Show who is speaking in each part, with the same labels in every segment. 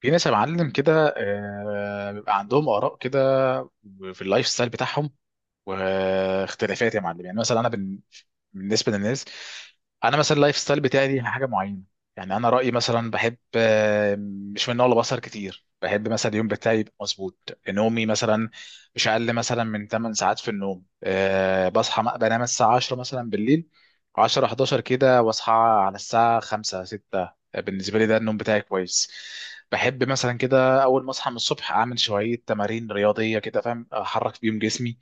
Speaker 1: في ناس يا معلم كده، بيبقى عندهم آراء كده في اللايف ستايل بتاعهم واختلافات يا معلم. يعني مثلا بالنسبه للناس، انا مثلا اللايف ستايل بتاعي دي حاجه معينه. يعني انا رايي مثلا، بحب مش من نوع بصر كتير. بحب مثلا اليوم بتاعي يبقى مظبوط، نومي مثلا مش اقل مثلا من 8 ساعات في النوم. بصحى بنام الساعه 10 مثلا بالليل، 10 11 كده، واصحى على الساعه 5 6. بالنسبه لي ده النوم بتاعي كويس. بحب مثلا كده اول ما اصحى من الصبح اعمل شويه تمارين رياضيه، كده فاهم، احرك بيهم جسمي،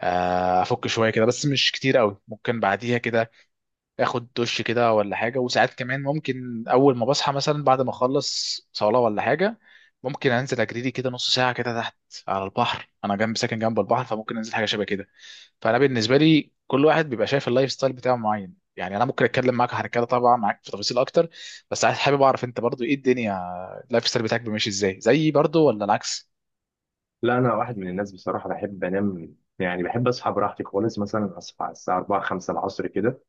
Speaker 1: افك شويه كده بس مش كتير قوي. ممكن بعديها كده اخد دش كده ولا حاجه، وساعات كمان ممكن اول ما بصحى، مثلا بعد ما اخلص صلاه ولا حاجه، ممكن انزل اجري لي كده نص ساعه كده تحت على البحر. انا جنب ساكن جنب البحر، فممكن انزل حاجه شبه كده. فانا بالنسبه لي كل واحد بيبقى شايف اللايف ستايل بتاعه معين. يعني انا ممكن اتكلم معاك عن كده طبعا، معاك في تفاصيل اكتر، بس عايز حابب اعرف انت برضو ايه الدنيا. اللايف ستايل بتاعك ماشي ازاي؟ زيي برضو ولا العكس؟
Speaker 2: لا، انا واحد من الناس بصراحه، بحب انام. يعني بحب اصحى براحتي خالص، مثلا اصحى على الساعه 4 5 العصر كده.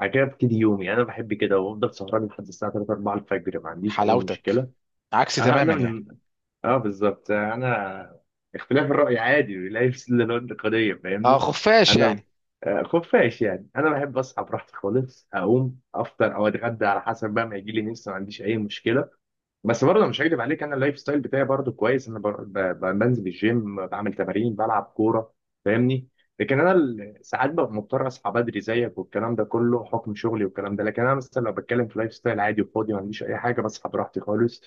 Speaker 2: بعد كده ابتدي يومي. يعني انا بحب كده وافضل سهران لحد الساعه 3 4 الفجر، ما عنديش اي مشكله.
Speaker 1: حلاوتك. عكسي
Speaker 2: آه.
Speaker 1: تماما
Speaker 2: انا
Speaker 1: يعني.
Speaker 2: من اه، بالظبط. آه، انا اختلاف الراي عادي، لا يفسد للود قضيه،
Speaker 1: اه،
Speaker 2: فاهمني؟
Speaker 1: خفاش
Speaker 2: انا
Speaker 1: يعني.
Speaker 2: آه، خفاش يعني، انا بحب اصحى براحتي خالص، اقوم افطر او اتغدى على حسب بقى ما يجي لي نفسي، ما عنديش اي مشكله. بس برضه مش هكدب عليك، انا اللايف ستايل بتاعي برضه كويس. انا بنزل الجيم، بعمل تمارين، بلعب كوره، فاهمني؟ لكن انا ساعات ببقى مضطر اصحى بدري زيك والكلام ده كله، حكم شغلي والكلام ده. لكن انا مثلا لو بتكلم في لايف ستايل عادي وفاضي، ما عنديش اي حاجه، بصحى براحتي خالص،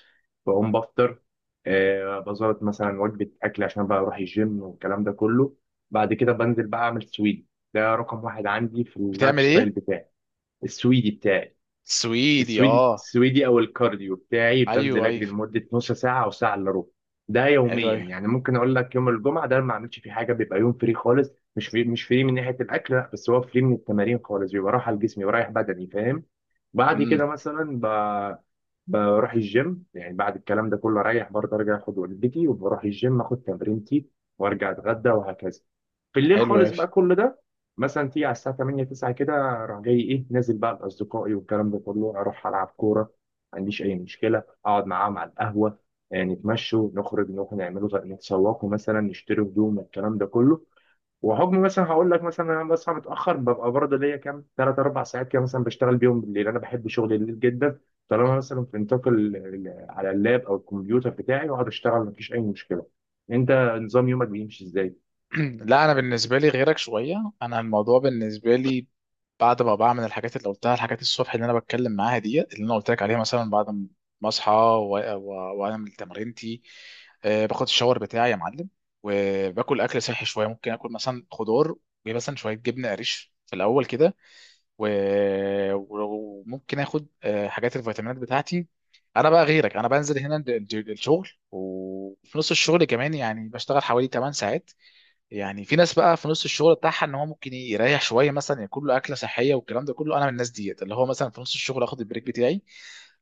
Speaker 2: بقوم بفطر. آه بظبط، مثلا وجبه اكل، عشان بقى اروح الجيم والكلام ده كله. بعد كده بنزل بقى اعمل سويدي. ده رقم واحد عندي في اللايف
Speaker 1: بتعمل
Speaker 2: ستايل
Speaker 1: ايه؟
Speaker 2: بتاعي، السويدي بتاعي.
Speaker 1: سويدي؟
Speaker 2: السويدي
Speaker 1: اه.
Speaker 2: السويدي او الكارديو بتاعي، بنزل
Speaker 1: ايوه، ايوه.
Speaker 2: اجري لمده نص ساعه او ساعه الا ربع. ده
Speaker 1: حلو
Speaker 2: يوميا.
Speaker 1: اوي.
Speaker 2: يعني ممكن اقول لك يوم الجمعه ده ما اعملش فيه حاجه، بيبقى يوم فري خالص. مش فري من ناحيه الاكل، لا، بس هو فري من التمارين خالص، بيبقى راحه لجسمي ورايح بدني، فاهم؟ بعد كده
Speaker 1: امم.
Speaker 2: مثلا بروح الجيم. يعني بعد الكلام ده كله، اريح برضه، ارجع اخد وجبتي، وبروح الجيم اخد تمرينتي، وارجع اتغدى وهكذا. في الليل
Speaker 1: حلو اوي.
Speaker 2: خالص بقى كل ده. مثلا تيجي على الساعه 8 9 كده، اروح جاي ايه، نازل بقى لاصدقائي والكلام ده كله، اروح العب كوره. ما عنديش اي مشكله، اقعد معاهم على القهوه. نتمشوا، نخرج، نروح نعملوا نتسوقوا مثلا، نشتري هدوم الكلام ده كله. وحكم مثلا هقول لك، مثلا انا بصحى متاخر، ببقى برضه ليا كام 3 4 ساعات كده مثلا بشتغل بيهم بالليل. انا بحب شغل الليل جدا. طالما مثلا في نطاق على اللاب او الكمبيوتر بتاعي واقعد اشتغل، مفيش اي مشكله. انت، نظام يومك بيمشي ازاي؟
Speaker 1: لا، انا بالنسبه لي غيرك شويه. انا الموضوع بالنسبه لي، بعد ما بعمل الحاجات اللي قلتها، الحاجات الصبح اللي انا بتكلم معاها دي اللي انا قلت لك عليها، مثلا بعد ما اصحى واعمل تمرينتي، باخد الشاور بتاعي يا معلم. وباكل اكل صحي شويه. ممكن اكل مثلا خضار، ومثلا شويه جبنه قريش في الاول كده، وممكن اخد حاجات الفيتامينات بتاعتي. انا بقى غيرك. انا بنزل هنا الشغل، وفي نص الشغل كمان، يعني بشتغل حوالي 8 ساعات. يعني في ناس بقى في نص الشغل بتاعها ان هو ممكن يريح شويه، مثلا ياكل له اكله صحيه والكلام ده كله. انا من الناس ديت اللي هو مثلا في نص الشغل اخد البريك بتاعي،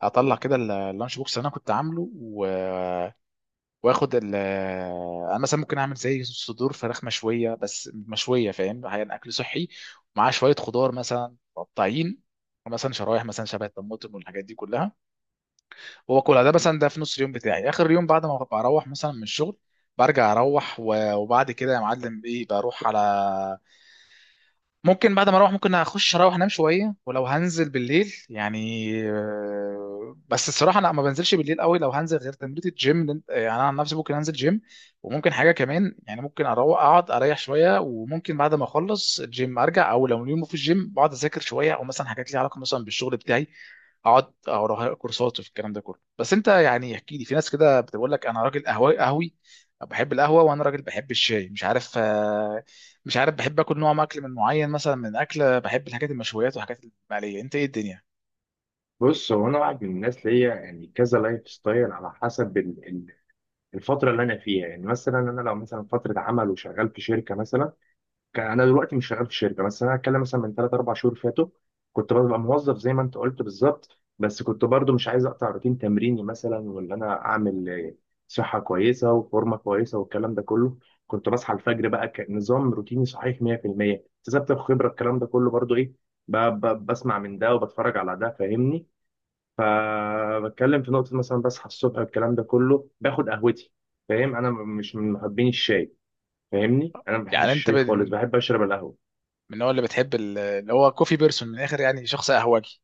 Speaker 1: اطلع كده اللانش بوكس اللي انا كنت عامله. واخد ال آه، انا مثلا ممكن اعمل زي صدور فراخ مشويه، بس مشويه فاهم يعني اكل صحي. ومعاه شويه خضار مثلا مقطعين، مثلا شرايح مثلا شبه الطماطم والحاجات دي كلها. واكلها ده مثلا، ده في نص اليوم بتاعي. اخر يوم بعد ما بروح مثلا من الشغل، برجع اروح وبعد كده يا معلم ايه بروح على. ممكن بعد ما اروح ممكن اخش اروح انام شويه، ولو هنزل بالليل يعني بس الصراحه انا ما بنزلش بالليل قوي. لو هنزل غير تمرين الجيم، يعني انا عن نفسي ممكن انزل جيم. وممكن حاجه كمان يعني، ممكن اروح اقعد اريح شويه. وممكن بعد ما اخلص الجيم ارجع، او لو اليوم في الجيم بقعد اذاكر شويه، او مثلا حاجات ليها علاقه مثلا بالشغل بتاعي. اقعد او اروح أقرأ كورسات في الكلام ده كله. بس انت يعني احكي لي. في ناس كده بتقول لك انا راجل قهوي قهوي، بحب القهوه، وانا راجل بحب الشاي. مش عارف بحب اكل، نوع اكل من معين، مثلا من اكله بحب الحاجات المشويات والحاجات المقليه. انت ايه الدنيا؟
Speaker 2: بص، هو انا واحد من الناس ليا يعني كذا لايف ستايل، على حسب الفتره اللي انا فيها. يعني مثلا انا لو مثلا فتره عمل وشغال في شركه مثلا، كان انا دلوقتي مش شغال في شركه، بس انا هتكلم مثلا من 3 4 شهور فاتوا. كنت ببقى موظف زي ما انت قلت بالظبط، بس كنت برضو مش عايز اقطع روتين تمريني مثلا، وان انا اعمل صحه كويسه وفورمه كويسه والكلام ده كله. كنت بصحى الفجر بقى كنظام روتيني صحيح 100%. اكتسبت الخبره الكلام ده كله برضو، ايه، بسمع من ده وبتفرج على ده، فاهمني؟ فبتكلم في نقطه، مثلا بصحى الصبح الكلام ده كله، باخد قهوتي، فاهم؟ انا مش من محبين الشاي، فاهمني؟ انا ما بحبش
Speaker 1: يعني انت
Speaker 2: الشاي خالص، بحب اشرب القهوه.
Speaker 1: من النوع اللي بتحب اللي هو كوفي بيرسون من الاخر، يعني شخص قهوجي؟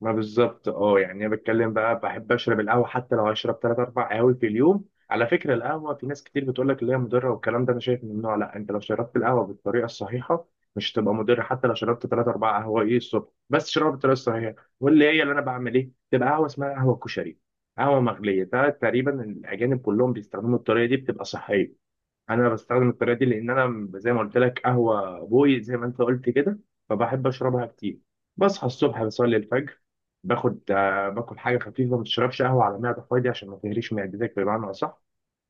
Speaker 2: ما بالظبط، اه، يعني انا بتكلم بقى، بحب اشرب القهوه حتى لو هشرب 3 4 قهاوي في اليوم. على فكره القهوه، في ناس كتير بتقول لك اللي هي مضره والكلام ده. انا شايف ممنوع؟ لا، انت لو شربت القهوه بالطريقه الصحيحه مش هتبقى مضر. حتى لو شربت 3 4 قهوه ايه الصبح، بس شربها بالطريقه الصحيحه. واللي هي اللي انا بعمل ايه، تبقى قهوه اسمها قهوه كشري، قهوه مغليه. ده تقريبا الاجانب كلهم بيستخدموا الطريقه دي، بتبقى صحيه. انا بستخدم الطريقه دي، لان انا زي ما قلت لك قهوه بوي، زي ما انت قلت كده، فبحب اشربها كتير. بصحى الصبح، بصلي الفجر، باخد آه، باكل حاجه خفيفه. ما تشربش قهوه على معده فاضيه عشان ما تهريش معدتك بمعنى اصح.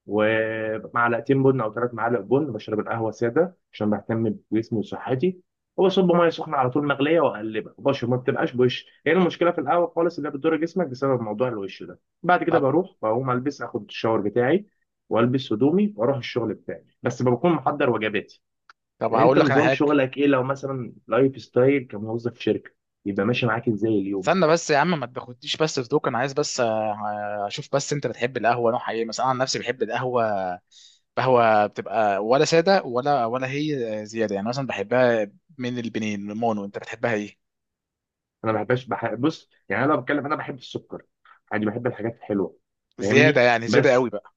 Speaker 2: ومعلقتين بن او 3 معالق بن، بشرب القهوه ساده عشان بهتم بجسمي وصحتي، وبصب ميه سخنه على طول مغليه، واقلبها وبشرب، ما بتبقاش بوش. هي إيه المشكله في القهوه خالص اللي هي بتضر جسمك؟ بسبب موضوع الوش ده. بعد كده
Speaker 1: طب
Speaker 2: بروح بقوم البس، اخد الشاور بتاعي والبس هدومي، واروح الشغل بتاعي، بس بكون محضر وجباتي.
Speaker 1: طب
Speaker 2: يعني انت،
Speaker 1: هقول لك انا
Speaker 2: نظام
Speaker 1: حاجه.
Speaker 2: شغلك ايه لو مثلا لايف ستايل كموظف في شركه، يبقى ماشي معاك ازاي اليوم؟
Speaker 1: استنى بس يا عم ما تاخدنيش، بس في دوك انا عايز بس اشوف بس انت بتحب القهوه نوعها ايه. مثلا انا عن نفسي بحب القهوه. قهوه بتبقى ولا ساده ولا هي زياده يعني. مثلا بحبها من البنين المونو. انت بتحبها ايه؟
Speaker 2: انا ما بحبش بص، يعني انا لو بتكلم انا بحب السكر، عادي بحب الحاجات الحلوه،
Speaker 1: زياده
Speaker 2: فاهمني؟
Speaker 1: يعني، زياده قوي
Speaker 2: بس
Speaker 1: بقى.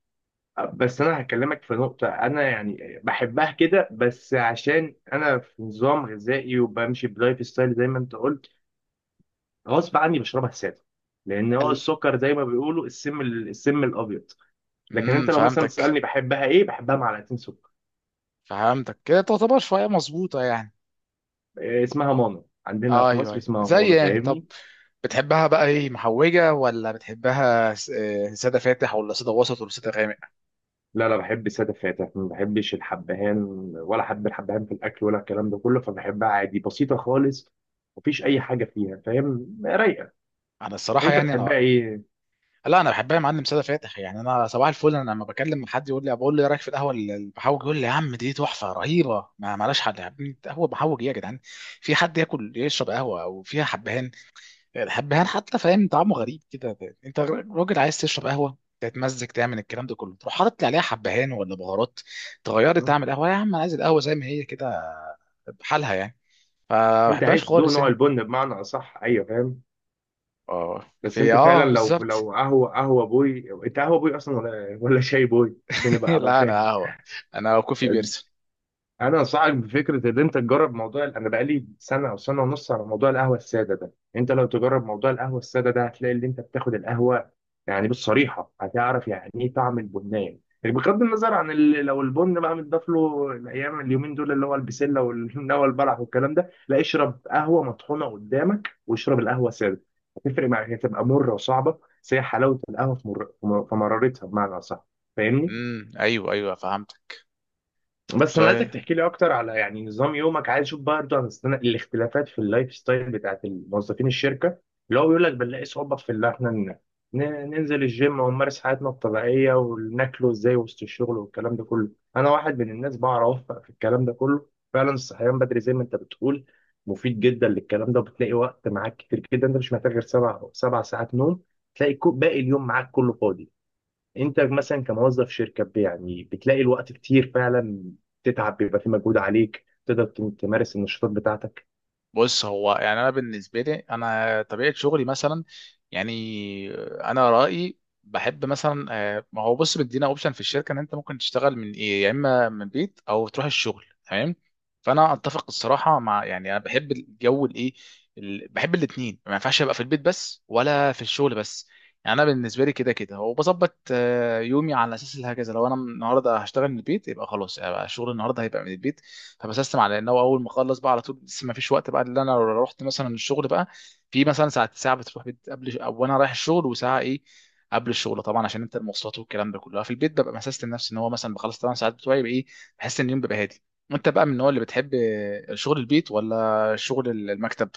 Speaker 2: بس انا هكلمك في نقطة، انا يعني بحبها كده، بس عشان انا في نظام غذائي وبمشي بلايف ستايل زي ما انت قلت، غصب عني بشربها سادة. لان هو السكر زي ما بيقولوا السم، السم الابيض. لكن
Speaker 1: امم،
Speaker 2: انت لو مثلا
Speaker 1: فهمتك.
Speaker 2: تسألني بحبها ايه، بحبها معلقتين سكر.
Speaker 1: فهمتك كده تعتبر شوية مظبوطة يعني.
Speaker 2: إيه اسمها؟ مانا. عندنا في
Speaker 1: ايوه،
Speaker 2: مصر
Speaker 1: ايوه،
Speaker 2: اسمها
Speaker 1: زي
Speaker 2: مانا،
Speaker 1: يعني. طب.
Speaker 2: فاهمني؟
Speaker 1: بتحبها بقى ايه، محوجة ولا بتحبها سادة فاتح؟ ولا سادة وسط؟ ولا سادة غامق؟
Speaker 2: لا، لا، بحب السادة فاتح، ما بحبش الحبهان ولا حب الحبهان في الاكل ولا الكلام ده كله، فبحبها عادي بسيطة خالص. مفيش اي حاجة فيها، فاهم؟ رايقة.
Speaker 1: انا الصراحة
Speaker 2: انت
Speaker 1: يعني
Speaker 2: بتحبها
Speaker 1: انا،
Speaker 2: ايه؟
Speaker 1: لا انا بحبها يا معلم سادة فاتح. يعني انا صباح الفل، انا لما بكلم حد يقول لي، بقول له ايه رايك في القهوة المحوج؟ يقول لي يا عم دي تحفة رهيبة، ما مالهاش حل. يا عم قهوة محوج ايه يا جدعان! في حد ياكل يشرب قهوة او فيها حبهان؟ الحبهان حتى فاهم طعمه غريب كده. انت راجل عايز تشرب قهوه تتمزج تعمل الكلام ده كله، تروح حاطط لي عليها حبهان ولا بهارات تغيري؟ تعمل قهوه يا عم، انا عايز القهوه زي ما هي كده، بحالها يعني. فما
Speaker 2: انت
Speaker 1: بحبهاش
Speaker 2: عايز تدوق
Speaker 1: خالص.
Speaker 2: نوع
Speaker 1: انت؟
Speaker 2: البن بمعنى اصح، ايوه فاهم.
Speaker 1: اه،
Speaker 2: بس
Speaker 1: في
Speaker 2: انت فعلا،
Speaker 1: اه
Speaker 2: لو
Speaker 1: بالظبط.
Speaker 2: لو قهوه بوي، انت قهوه بوي اصلا ولا شاي بوي، عشان ابقى
Speaker 1: لا، انا
Speaker 2: فاهم.
Speaker 1: قهوه. انا كوفي بيرسون.
Speaker 2: انا انصحك بفكره ان انت تجرب موضوع. انا بقالي سنه او سنه ونص على موضوع القهوه الساده ده. انت لو تجرب موضوع القهوه الساده ده، هتلاقي ان انت بتاخد القهوه. يعني بالصريحه هتعرف يعني ايه طعم البنان، يعني بغض النظر عن لو البن بقى متضاف له الايام اليومين دول اللي هو البسله والهمنه والبلح والكلام ده. لا، اشرب قهوه مطحونه قدامك، واشرب القهوه الساده. هتفرق معاك، هتبقى مره وصعبه. بس هي حلاوه القهوه في مرارتها بمعنى اصح، فاهمني؟
Speaker 1: امم، ايوه، ايوه، فهمت. طب
Speaker 2: بس انا عايزك
Speaker 1: سؤال.
Speaker 2: تحكي لي اكتر على يعني نظام يومك. عايز اشوف برضه عن الاختلافات في اللايف ستايل بتاعت الموظفين الشركه، اللي هو بيقول لك بنلاقي صعوبه في ان احنا ننزل الجيم ونمارس حياتنا الطبيعيه، وناكله ازاي وسط الشغل والكلام ده كله. انا واحد من الناس بعرف اوفق في الكلام ده كله. فعلا، الصحيان بدري زي ما انت بتقول مفيد جدا للكلام ده. وبتلاقي وقت معاك كتير جدا، انت مش محتاج غير سبع ساعات نوم. تلاقي باقي اليوم معاك كله فاضي. انت مثلا كموظف شركه، يعني بتلاقي الوقت كتير فعلا، تتعب بيبقى في مجهود عليك، تقدر تمارس النشاطات بتاعتك.
Speaker 1: بص هو يعني انا بالنسبه لي، انا طبيعه شغلي مثلا، يعني انا رايي بحب مثلا ما هو بص مدينا اوبشن في الشركه ان انت ممكن تشتغل من ايه، يا اما من بيت او تروح الشغل تمام. فانا اتفق الصراحه مع، يعني انا بحب الجو الايه، بحب الاثنين. ما ينفعش ابقى في البيت بس، ولا في الشغل بس. يعني انا بالنسبه لي كده كده، وبظبط يومي على اساس هكذا. لو انا النهارده هشتغل من البيت، يبقى خلاص يبقى شغل النهارده هيبقى من البيت. فبسستم على ان هو اول ما اخلص بقى على طول لسه ما فيش وقت بقى. اللي انا لو رحت مثلا الشغل بقى، في مثلا ساعه ساعه بتروح بيت قبل، او انا رايح الشغل وساعه ايه قبل الشغل طبعا، عشان انت المواصلات والكلام ده كله. في البيت ببقى مسست لنفسي ان هو مثلا بخلص 8 ساعات بتوعي يبقى ايه، بحس ان اليوم بيبقى هادي. انت بقى من النوع اللي بتحب شغل البيت ولا شغل المكتب؟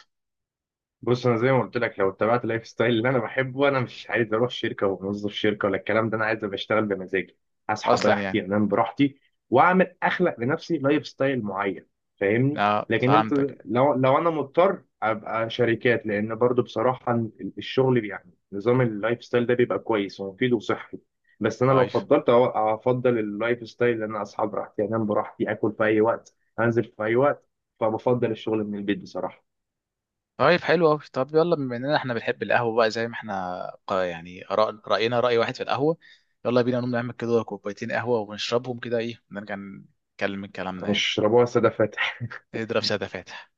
Speaker 2: بص، انا زي ما قلت لك لو اتبعت اللايف ستايل اللي انا بحبه، انا مش عايز اروح شركه وموظف شركه ولا الكلام ده. انا عايز ابقى اشتغل بمزاجي، اصحى
Speaker 1: اصلا
Speaker 2: براحتي،
Speaker 1: يعني.
Speaker 2: انام براحتي، اخلق لنفسي لايف ستايل معين، فاهمني؟
Speaker 1: اه،
Speaker 2: لكن انت،
Speaker 1: فهمتك.
Speaker 2: لو انا مضطر ابقى شركات، لان برضو بصراحه الشغل يعني نظام اللايف ستايل ده بيبقى كويس ومفيد وصحي. بس انا لو
Speaker 1: ايوه.
Speaker 2: افضل اللايف ستايل، ان انا اصحى براحتي، انام براحتي، اكل في اي وقت، انزل في اي وقت، فبفضل الشغل من البيت بصراحه.
Speaker 1: طيب، حلو قوي. طب يلا، بما اننا احنا بنحب القهوه بقى، زي ما احنا يعني راينا راي واحد في القهوه. يلا بينا نقوم نعمل كده كوبايتين قهوه ونشربهم كده، ايه نرجع نكمل كلامنا يعني.
Speaker 2: هنشربوها سادة فاتح.
Speaker 1: نضرب ساده فاتح.